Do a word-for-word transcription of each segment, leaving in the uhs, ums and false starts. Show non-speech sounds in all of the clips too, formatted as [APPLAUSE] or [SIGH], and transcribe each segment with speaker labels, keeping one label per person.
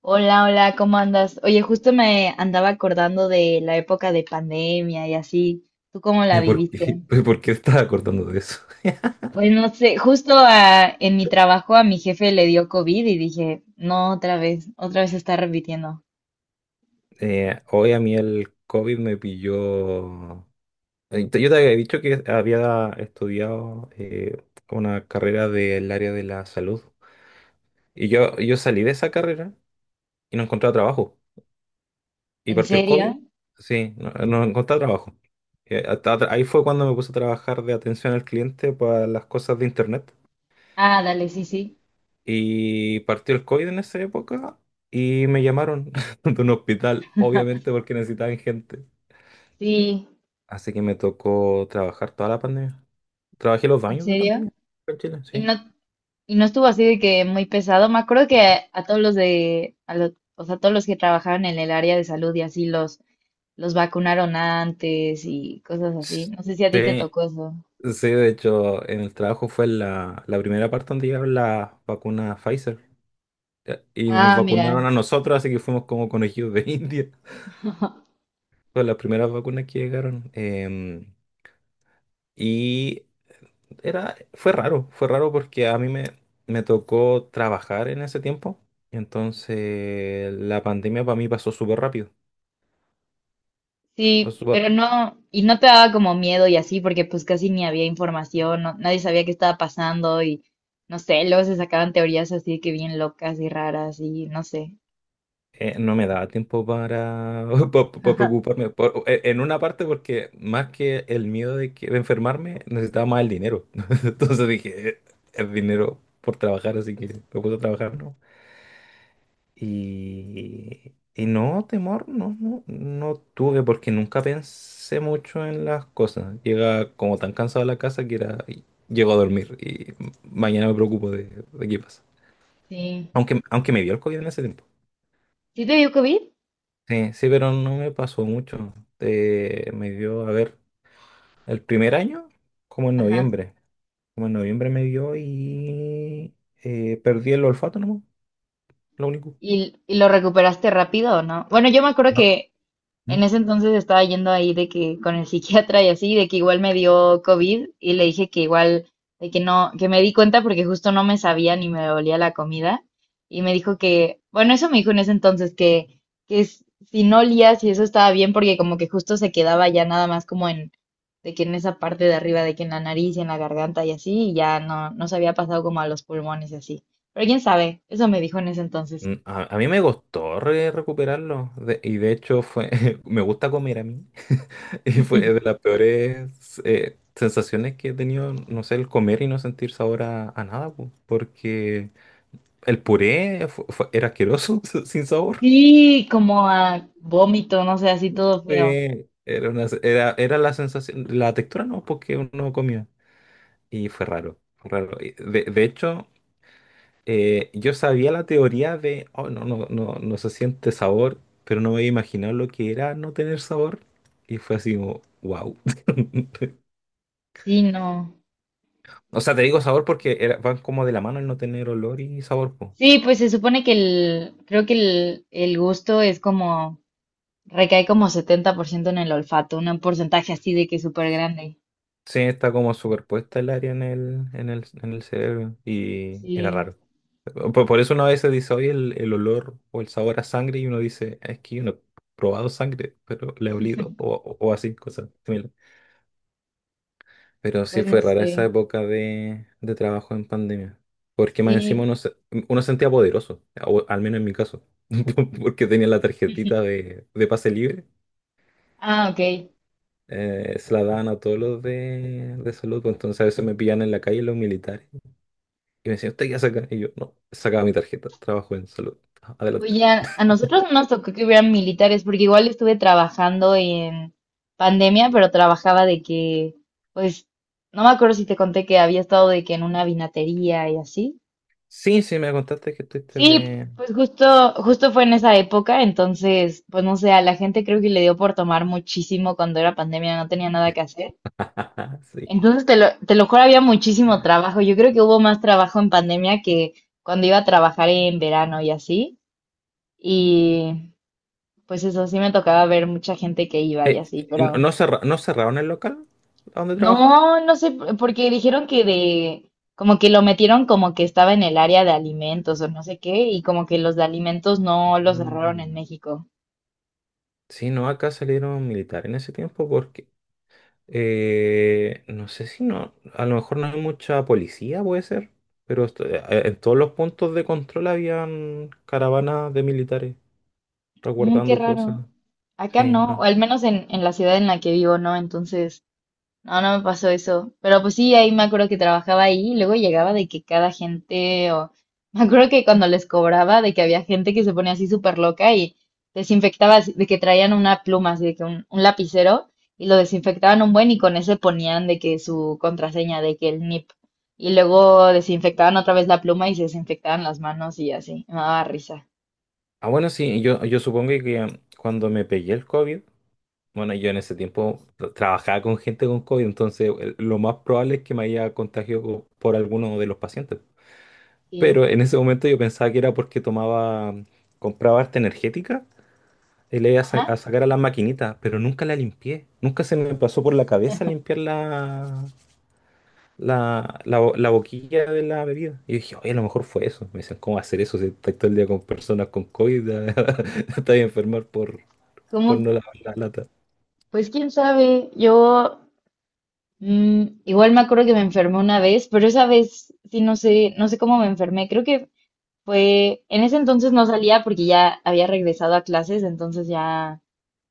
Speaker 1: Hola, hola, ¿cómo andas? Oye, justo me andaba acordando de la época de pandemia y así. ¿Tú cómo la
Speaker 2: ¿De por qué,
Speaker 1: viviste?
Speaker 2: [LAUGHS] de por qué estás acordando de eso?
Speaker 1: Pues no sé, justo a- en mi trabajo a mi jefe le dio COVID y dije, no, otra vez, otra vez se está repitiendo.
Speaker 2: Eh, hoy a mí el COVID me pilló. eh, Yo te había dicho que había estudiado eh, una carrera del área de la salud. Y yo, yo salí de esa carrera y no encontraba trabajo. Y
Speaker 1: ¿En
Speaker 2: partió el
Speaker 1: serio?
Speaker 2: COVID. Sí, no, no encontraba trabajo. Eh, hasta atra- ahí fue cuando me puse a trabajar de atención al cliente para las cosas de internet.
Speaker 1: Ah, dale, sí, sí.
Speaker 2: Y partió el COVID en esa época y me llamaron [LAUGHS] de un hospital, obviamente porque necesitaban gente.
Speaker 1: Sí,
Speaker 2: Así que me tocó trabajar toda la pandemia. Trabajé los
Speaker 1: ¿en
Speaker 2: baños de
Speaker 1: serio?
Speaker 2: pandemia acá en Chile,
Speaker 1: Y
Speaker 2: sí.
Speaker 1: no, y no estuvo así de que muy pesado. Me acuerdo que a, todos los de, a lo- o sea, todos los que trabajaban en el área de salud y así los, los vacunaron antes y cosas así. No sé si a ti te
Speaker 2: Sí,
Speaker 1: tocó eso.
Speaker 2: sí, de hecho, en el trabajo fue la, la primera parte donde llegaron las vacunas Pfizer. eh, Y nos
Speaker 1: Ah, mira.
Speaker 2: vacunaron a nosotros, así que fuimos como conejillos de [LAUGHS] India.
Speaker 1: [LAUGHS]
Speaker 2: Fueron las primeras vacunas que llegaron. em, y era, Fue raro, fue raro porque a mí me, me tocó trabajar en ese tiempo. Entonces, la pandemia para mí pasó súper rápido.
Speaker 1: Sí, pero no, y no te daba como miedo y así, porque pues casi ni había información, no- nadie sabía qué estaba pasando y no sé, luego se sacaban teorías así que bien locas y raras y no sé.
Speaker 2: Eh, no me daba tiempo para, [LAUGHS] pa- pa- pa
Speaker 1: [LAUGHS]
Speaker 2: preocuparme. Por- e- en una parte porque más que el miedo de, que, de enfermarme, necesitaba más el dinero. [LAUGHS] Entonces dije, "Eh, el dinero por trabajar, así que me puse a trabajar, ¿no? Y, y no, temor, no, no, no tuve porque nunca pensé mucho en las cosas. Llega como tan cansado a la casa que era, y llego a dormir y mañana me preocupo de, de qué pasa.
Speaker 1: Sí.
Speaker 2: Aunque, aunque me dio el COVID en ese tiempo.
Speaker 1: ¿Sí te dio COVID?
Speaker 2: Sí, sí, pero no me pasó mucho. Eh, me dio, a ver, el primer año, como en
Speaker 1: Ajá.
Speaker 2: noviembre. Como en noviembre me dio y eh, perdí el olfato, ¿no? Lo único.
Speaker 1: ¿Y, y lo recuperaste rápido o no? Bueno, yo me acuerdo
Speaker 2: No.
Speaker 1: que en
Speaker 2: Mm.
Speaker 1: ese entonces estaba yendo ahí de que con el psiquiatra y así, de que igual me dio COVID y le dije que igual, de que no, que me di cuenta porque justo no me sabía ni me olía la comida. Y me dijo que, bueno, eso me dijo en ese entonces, que, que s- si no olías y eso estaba bien porque como que justo se quedaba ya nada más como en, de que en esa parte de arriba, de que en la nariz y en la garganta y así, y ya no, no se había pasado como a los pulmones y así. Pero quién sabe, eso me dijo en ese entonces.
Speaker 2: Mm, A, a mí me costó re- recuperarlo. De- y de hecho fue, [LAUGHS] me gusta comer a mí. [LAUGHS] Y fue de las peores eh, sensaciones que he tenido, no sé, el comer y no sentir sabor a, a nada, po, porque el puré fu- fue- era asqueroso, [LAUGHS] sin sabor.
Speaker 1: Sí, como a vómito, no sé, así todo feo.
Speaker 2: Sí, era una, era, era la sensación, la textura no, porque uno comía. Y fue raro, fue raro. Y De, de hecho, eh, yo sabía la teoría de, oh, no, no, no, no se siente sabor, pero no me había imaginado lo que era no tener sabor. Y fue así como, wow. [LAUGHS]
Speaker 1: Sí, no.
Speaker 2: O sea, te digo sabor porque era- van como de la mano el no tener olor y sabor, po.
Speaker 1: Sí, pues se supone que el, creo que el, el gusto es como, recae como setenta por ciento en el olfato, un porcentaje así de que súper grande.
Speaker 2: Sí, está como superpuesta el área en el, en el, en el cerebro. Y era
Speaker 1: Sí,
Speaker 2: raro. Por, por eso uno a veces dice, oye, el, el olor o el sabor a sangre, y uno dice, es que yo no he probado sangre, pero le he olido, o, o- o así, cosas similares. Pero sí
Speaker 1: pues no
Speaker 2: fue rara esa
Speaker 1: sé.
Speaker 2: época de, de trabajo en pandemia, porque más encima
Speaker 1: Sí,
Speaker 2: uno, se- uno sentía poderoso, o al menos en mi caso, [LAUGHS] porque tenía la tarjetita de, de pase libre,
Speaker 1: ah, ok.
Speaker 2: eh, se la daban a todos los de, de salud, pues entonces a veces me pillan en la calle los militares, y me decían, ¿usted qué saca? Y yo, no, sacaba mi tarjeta, trabajo en salud, adelante.
Speaker 1: Oye, a, a nosotros no nos tocó que hubieran militares, porque igual estuve trabajando en pandemia, pero trabajaba de que, pues, no me acuerdo si te conté que había estado de que en una vinatería y así.
Speaker 2: Sí, sí, me contaste que estuviste
Speaker 1: Sí,
Speaker 2: de...
Speaker 1: pues justo, justo fue en esa época, entonces, pues no sé, a la gente creo que le dio por tomar muchísimo cuando era pandemia, no tenía nada que hacer.
Speaker 2: [LAUGHS] Sí.
Speaker 1: Entonces, te lo, te lo juro, había muchísimo trabajo. Yo creo que hubo más trabajo en pandemia que cuando iba a trabajar en verano y así. Y pues eso, sí me tocaba ver mucha gente que iba y
Speaker 2: Eh,
Speaker 1: así,
Speaker 2: eh,
Speaker 1: pero
Speaker 2: ¿no cerra- ¿no cerraron el local donde trabajaba?
Speaker 1: no, no sé, porque dijeron que de, como que lo metieron como que estaba en el área de alimentos o no sé qué, y como que los de alimentos no los cerraron en
Speaker 2: Mm.
Speaker 1: México.
Speaker 2: Sí, no, acá salieron militares en ese tiempo porque eh, no sé si no, a lo mejor no hay mucha policía, puede ser, pero esto- eh, eh, en todos los puntos de control habían caravanas de militares
Speaker 1: Mm, qué
Speaker 2: resguardando cosas.
Speaker 1: raro. Acá
Speaker 2: Sí,
Speaker 1: no, o
Speaker 2: no.
Speaker 1: al menos en, en, la ciudad en la que vivo, no. Entonces, no, no me pasó eso. Pero pues sí, ahí me acuerdo que trabajaba ahí y luego llegaba de que cada gente, o [LAUGHS] me acuerdo que cuando les cobraba, de que había gente que se ponía así súper loca y desinfectaba, así- de que traían una pluma, así de que un, un lapicero y lo desinfectaban un buen y con ese ponían de que su contraseña, de que el N I P. Y luego desinfectaban otra vez la pluma y se desinfectaban las manos y así. Me daba risa.
Speaker 2: Ah, bueno, sí, yo, yo supongo que cuando me pegué el COVID, bueno, yo en ese tiempo tra- trabajaba con gente con COVID, entonces el- lo más probable es que me haya contagiado co- por alguno de los pacientes. Pero
Speaker 1: Sí.
Speaker 2: en ese momento yo pensaba que era porque tomaba, compraba harta energética y le iba a,
Speaker 1: Ajá.
Speaker 2: sa- a sacar a las maquinitas, pero nunca la limpié. Nunca se me pasó por la cabeza limpiar la, la, la, bo- la boquilla de la bebida. Y yo dije, oye, a lo mejor fue eso. Me dicen, ¿cómo va a hacer eso si estás todo el día con personas con COVID? [LAUGHS] Te vas a enfermar por,
Speaker 1: ¿Cómo?
Speaker 2: por no lavar la lata.
Speaker 1: Pues quién sabe, yo mm, igual me acuerdo que me enfermé una vez, pero esa vez sí no sé, no sé cómo me enfermé. Creo que fue, en ese entonces no salía porque ya había regresado a clases, entonces ya,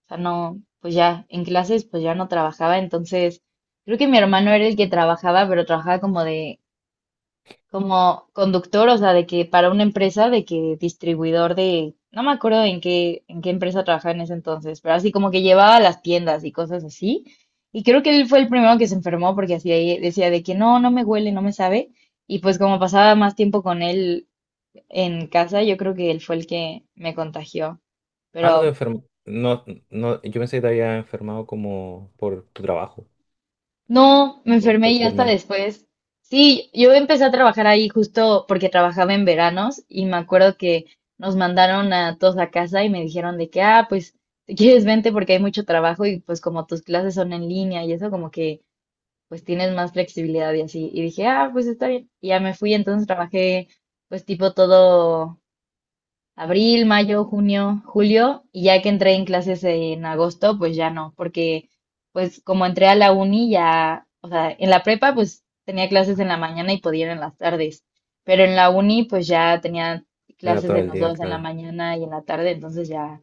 Speaker 1: o sea, no, pues ya en clases pues ya no trabajaba, entonces creo que mi hermano era el que trabajaba, pero trabajaba como de como conductor, o sea, de que para una empresa, de que distribuidor de, no me acuerdo en qué, en qué empresa trabajaba en ese entonces, pero así como que llevaba a las tiendas y cosas así. Y creo que él fue el primero que se enfermó porque así ahí decía de que no, no me huele, no me sabe. Y pues como pasaba más tiempo con él en casa, yo creo que él fue el que me contagió.
Speaker 2: Ah, no te
Speaker 1: Pero
Speaker 2: enfermo. No, no, yo pensé que te había enfermado como por tu trabajo,
Speaker 1: no, me
Speaker 2: o
Speaker 1: enfermé
Speaker 2: por
Speaker 1: y
Speaker 2: tu
Speaker 1: hasta
Speaker 2: hermano.
Speaker 1: después. Sí, yo empecé a trabajar ahí justo porque trabajaba en veranos y me acuerdo que nos mandaron a todos a casa y me dijeron de que, ah, pues, si quieres vente porque hay mucho trabajo y pues como tus clases son en línea y eso como que pues tienes más flexibilidad y así. Y dije, ah, pues está bien. Y ya me fui, entonces trabajé pues tipo todo abril, mayo, junio, julio, y ya que entré en clases en agosto, pues ya no, porque pues como entré a la uni ya, o sea, en la prepa pues tenía clases en la mañana y podía ir en las tardes, pero en la uni pues ya tenía
Speaker 2: Era
Speaker 1: clases
Speaker 2: todo
Speaker 1: en
Speaker 2: el
Speaker 1: los
Speaker 2: día,
Speaker 1: dos, en la
Speaker 2: claro.
Speaker 1: mañana y en la tarde, entonces ya,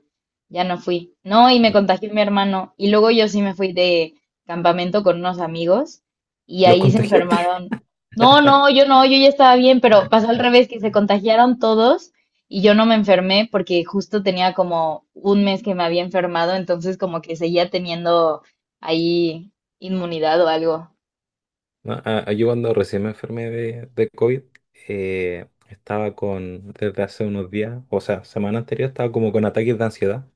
Speaker 1: ya no fui. No, y me
Speaker 2: Mm.
Speaker 1: contagió mi hermano, y luego yo sí me fui de campamento con unos amigos y
Speaker 2: ¿Los
Speaker 1: ahí se
Speaker 2: contagiaste? [LAUGHS]
Speaker 1: enfermaron. No, no, yo no, yo ya estaba bien, pero pasó al revés, que se contagiaron todos y yo no me enfermé porque justo tenía como un mes que me había enfermado, entonces como que seguía teniendo ahí inmunidad o algo.
Speaker 2: No, a- a- yo cuando recién me enfermé de, de COVID, eh, estaba con, desde hace unos días, o sea, semana anterior, estaba como con ataques de ansiedad,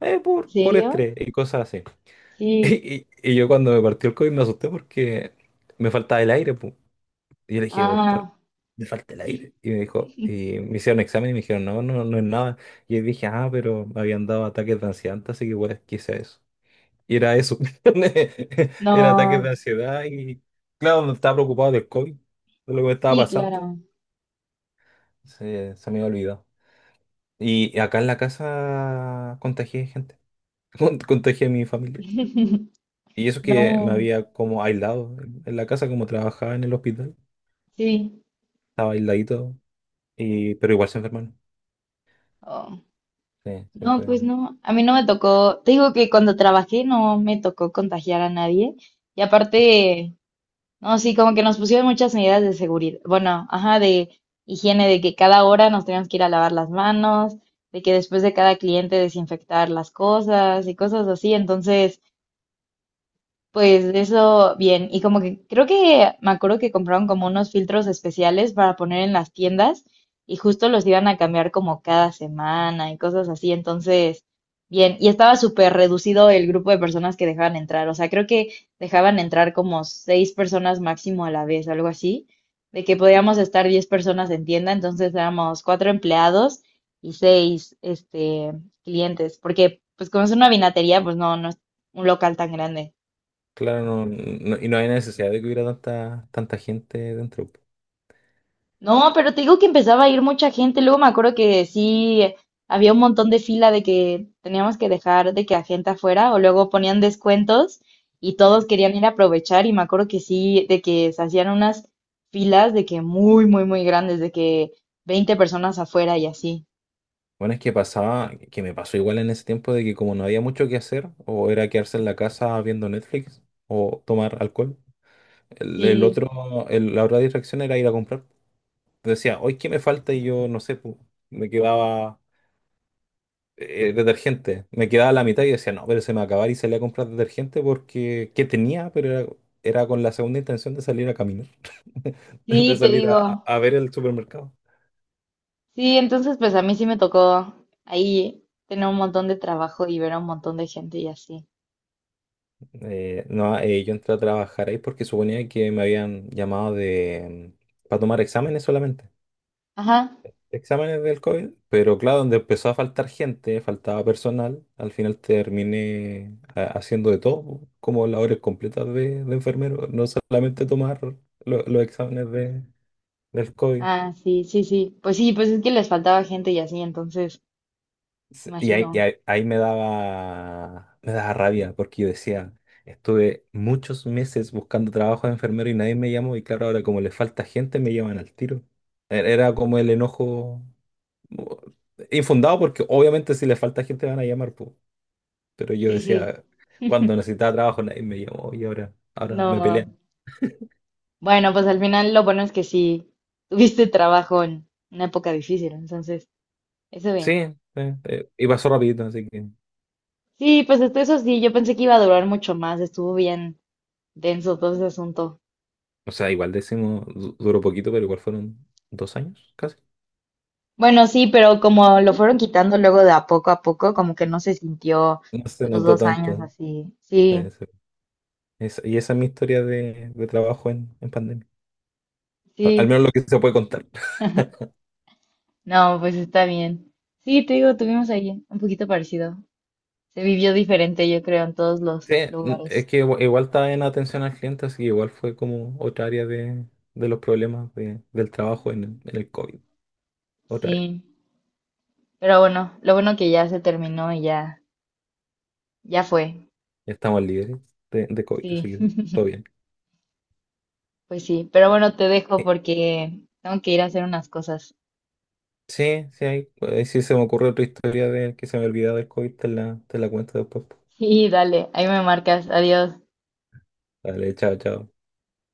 Speaker 2: eh,
Speaker 1: ¿En
Speaker 2: por, por
Speaker 1: serio?
Speaker 2: estrés y cosas así. [LAUGHS]
Speaker 1: Sí.
Speaker 2: Y, y- y yo cuando me partió el COVID me asusté porque me faltaba el aire, pu. Y yo le dije, doctor,
Speaker 1: Ah,
Speaker 2: me falta el aire. Y me dijo, y me hicieron examen y me dijeron, no, no, no es nada. Y yo dije, ah, pero me habían dado ataques de ansiedad antes, así que igual quise eso. Y era eso. [LAUGHS] Era ataques de
Speaker 1: no.
Speaker 2: ansiedad y, claro, estaba preocupado del COVID, de lo que me estaba
Speaker 1: Sí,
Speaker 2: pasando.
Speaker 1: claro.
Speaker 2: Se, se me había olvidado. Y acá en la casa contagié gente, [LAUGHS] Con- contagié a mi familia.
Speaker 1: [LAUGHS]
Speaker 2: Y eso que me
Speaker 1: No,
Speaker 2: había como aislado en en la casa, como trabajaba en el hospital,
Speaker 1: sí.
Speaker 2: estaba aisladito, y, pero igual se enfermaron.
Speaker 1: Oh,
Speaker 2: Sí, se
Speaker 1: no, pues
Speaker 2: fue.
Speaker 1: no. A mí no me tocó. Te digo que cuando trabajé no me tocó contagiar a nadie. Y aparte, no, sí, como que nos pusieron muchas medidas de seguridad, bueno, ajá, de higiene, de que cada hora nos teníamos que ir a lavar las manos, de que después de cada cliente desinfectar las cosas y cosas así. Entonces, pues eso, bien. Y como que creo que me acuerdo que compraron como unos filtros especiales para poner en las tiendas y justo los iban a cambiar como cada semana y cosas así. Entonces, bien. Y estaba súper reducido el grupo de personas que dejaban entrar. O sea, creo que dejaban entrar como seis personas máximo a la vez, algo así. De que podíamos estar diez personas en tienda. Entonces éramos cuatro empleados y seis, este, clientes. Porque, pues como es una vinatería, pues no, no es un local tan grande.
Speaker 2: Claro, no, no- y no hay necesidad de que hubiera tanta, tanta gente dentro.
Speaker 1: No, pero te digo que empezaba a ir mucha gente. Luego me acuerdo que sí eh, había un montón de fila de que teníamos que dejar de que a gente afuera o luego ponían descuentos y todos querían ir a aprovechar y me acuerdo que sí, de que se hacían unas filas de que muy, muy, muy grandes, de que veinte personas afuera y así.
Speaker 2: Bueno, es que pasaba, que me pasó igual en ese tiempo de que como no había mucho que hacer, o era quedarse en la casa viendo Netflix o tomar alcohol, el, el
Speaker 1: Sí,
Speaker 2: otro, el- la otra distracción era ir a comprar. Decía, hoy qué me falta y yo no sé, po, me quedaba eh, detergente, me quedaba la mitad y decía, no, pero se me va a acabar y salía a comprar detergente porque que tenía, pero era, era con la segunda intención de salir a caminar, [LAUGHS] de
Speaker 1: sí, te
Speaker 2: salir a-
Speaker 1: digo.
Speaker 2: a ver el supermercado.
Speaker 1: Sí, entonces pues a mí sí me tocó ahí tener un montón de trabajo y ver a un montón de gente y así.
Speaker 2: Eh, no, eh, Yo entré a trabajar ahí porque suponía que me habían llamado de mm, para tomar exámenes solamente,
Speaker 1: Ajá.
Speaker 2: exámenes del COVID, pero claro, donde empezó a faltar gente, faltaba personal, al final terminé ha- haciendo de todo, como labores completas de, de enfermero, no solamente tomar lo- los exámenes de, del COVID.
Speaker 1: Ah, sí, sí, sí. Pues sí, pues es que les faltaba gente y así, entonces,
Speaker 2: Sí, y ahí, y
Speaker 1: imagino.
Speaker 2: ahí- ahí me daba, me daba rabia porque yo decía, estuve muchos meses buscando trabajo de enfermero y nadie me llamó y claro, ahora como le falta gente me llaman al tiro. E- Era como el enojo uh, infundado porque obviamente si le falta gente van a llamar, po. Pero yo
Speaker 1: Sí, sí.
Speaker 2: decía, cuando
Speaker 1: [LAUGHS]
Speaker 2: necesitaba trabajo nadie me llamó y ahora, ahora me pelean.
Speaker 1: No. Bueno, pues al final lo bueno es que sí tuviste trabajo en una época difícil, entonces, eso
Speaker 2: Sí,
Speaker 1: bien.
Speaker 2: eh, eh, y pasó rapidito, así que,
Speaker 1: Sí, pues hasta eso sí, yo pensé que iba a durar mucho más, estuvo bien denso todo ese asunto.
Speaker 2: o sea, igual decimos, du- duró poquito, pero igual fueron dos años casi.
Speaker 1: Bueno, sí, pero como lo fueron quitando luego de a poco a poco, como que no se sintió
Speaker 2: No se
Speaker 1: los
Speaker 2: notó
Speaker 1: dos años
Speaker 2: tanto.
Speaker 1: así.
Speaker 2: eh,
Speaker 1: Sí,
Speaker 2: Esa- y esa es mi historia de, de trabajo en, en pandemia. Al, al
Speaker 1: sí.
Speaker 2: menos lo que se puede contar.
Speaker 1: No, pues está bien. Sí, te digo, tuvimos ahí un poquito parecido. Se vivió diferente, yo creo, en todos los
Speaker 2: Sí, n- es
Speaker 1: lugares.
Speaker 2: que igu- igual, estaba en atención al cliente, así que igual fue como otra área de, de los problemas de- del trabajo en el, en el COVID. Otra área.
Speaker 1: Sí, pero bueno, lo bueno que ya se terminó y ya, ya fue.
Speaker 2: Ya estamos libres de, de COVID, así
Speaker 1: Sí,
Speaker 2: que todo
Speaker 1: [LAUGHS]
Speaker 2: bien.
Speaker 1: pues sí, pero bueno, te dejo
Speaker 2: Eh,
Speaker 1: porque tengo que ir a hacer unas cosas.
Speaker 2: sí, sí, hay, eh, sí se me ocurre otra historia de que se me olvidaba del COVID, te la, te la cuento después.
Speaker 1: Sí, dale, ahí me marcas. Adiós.
Speaker 2: Dale, chao, chao.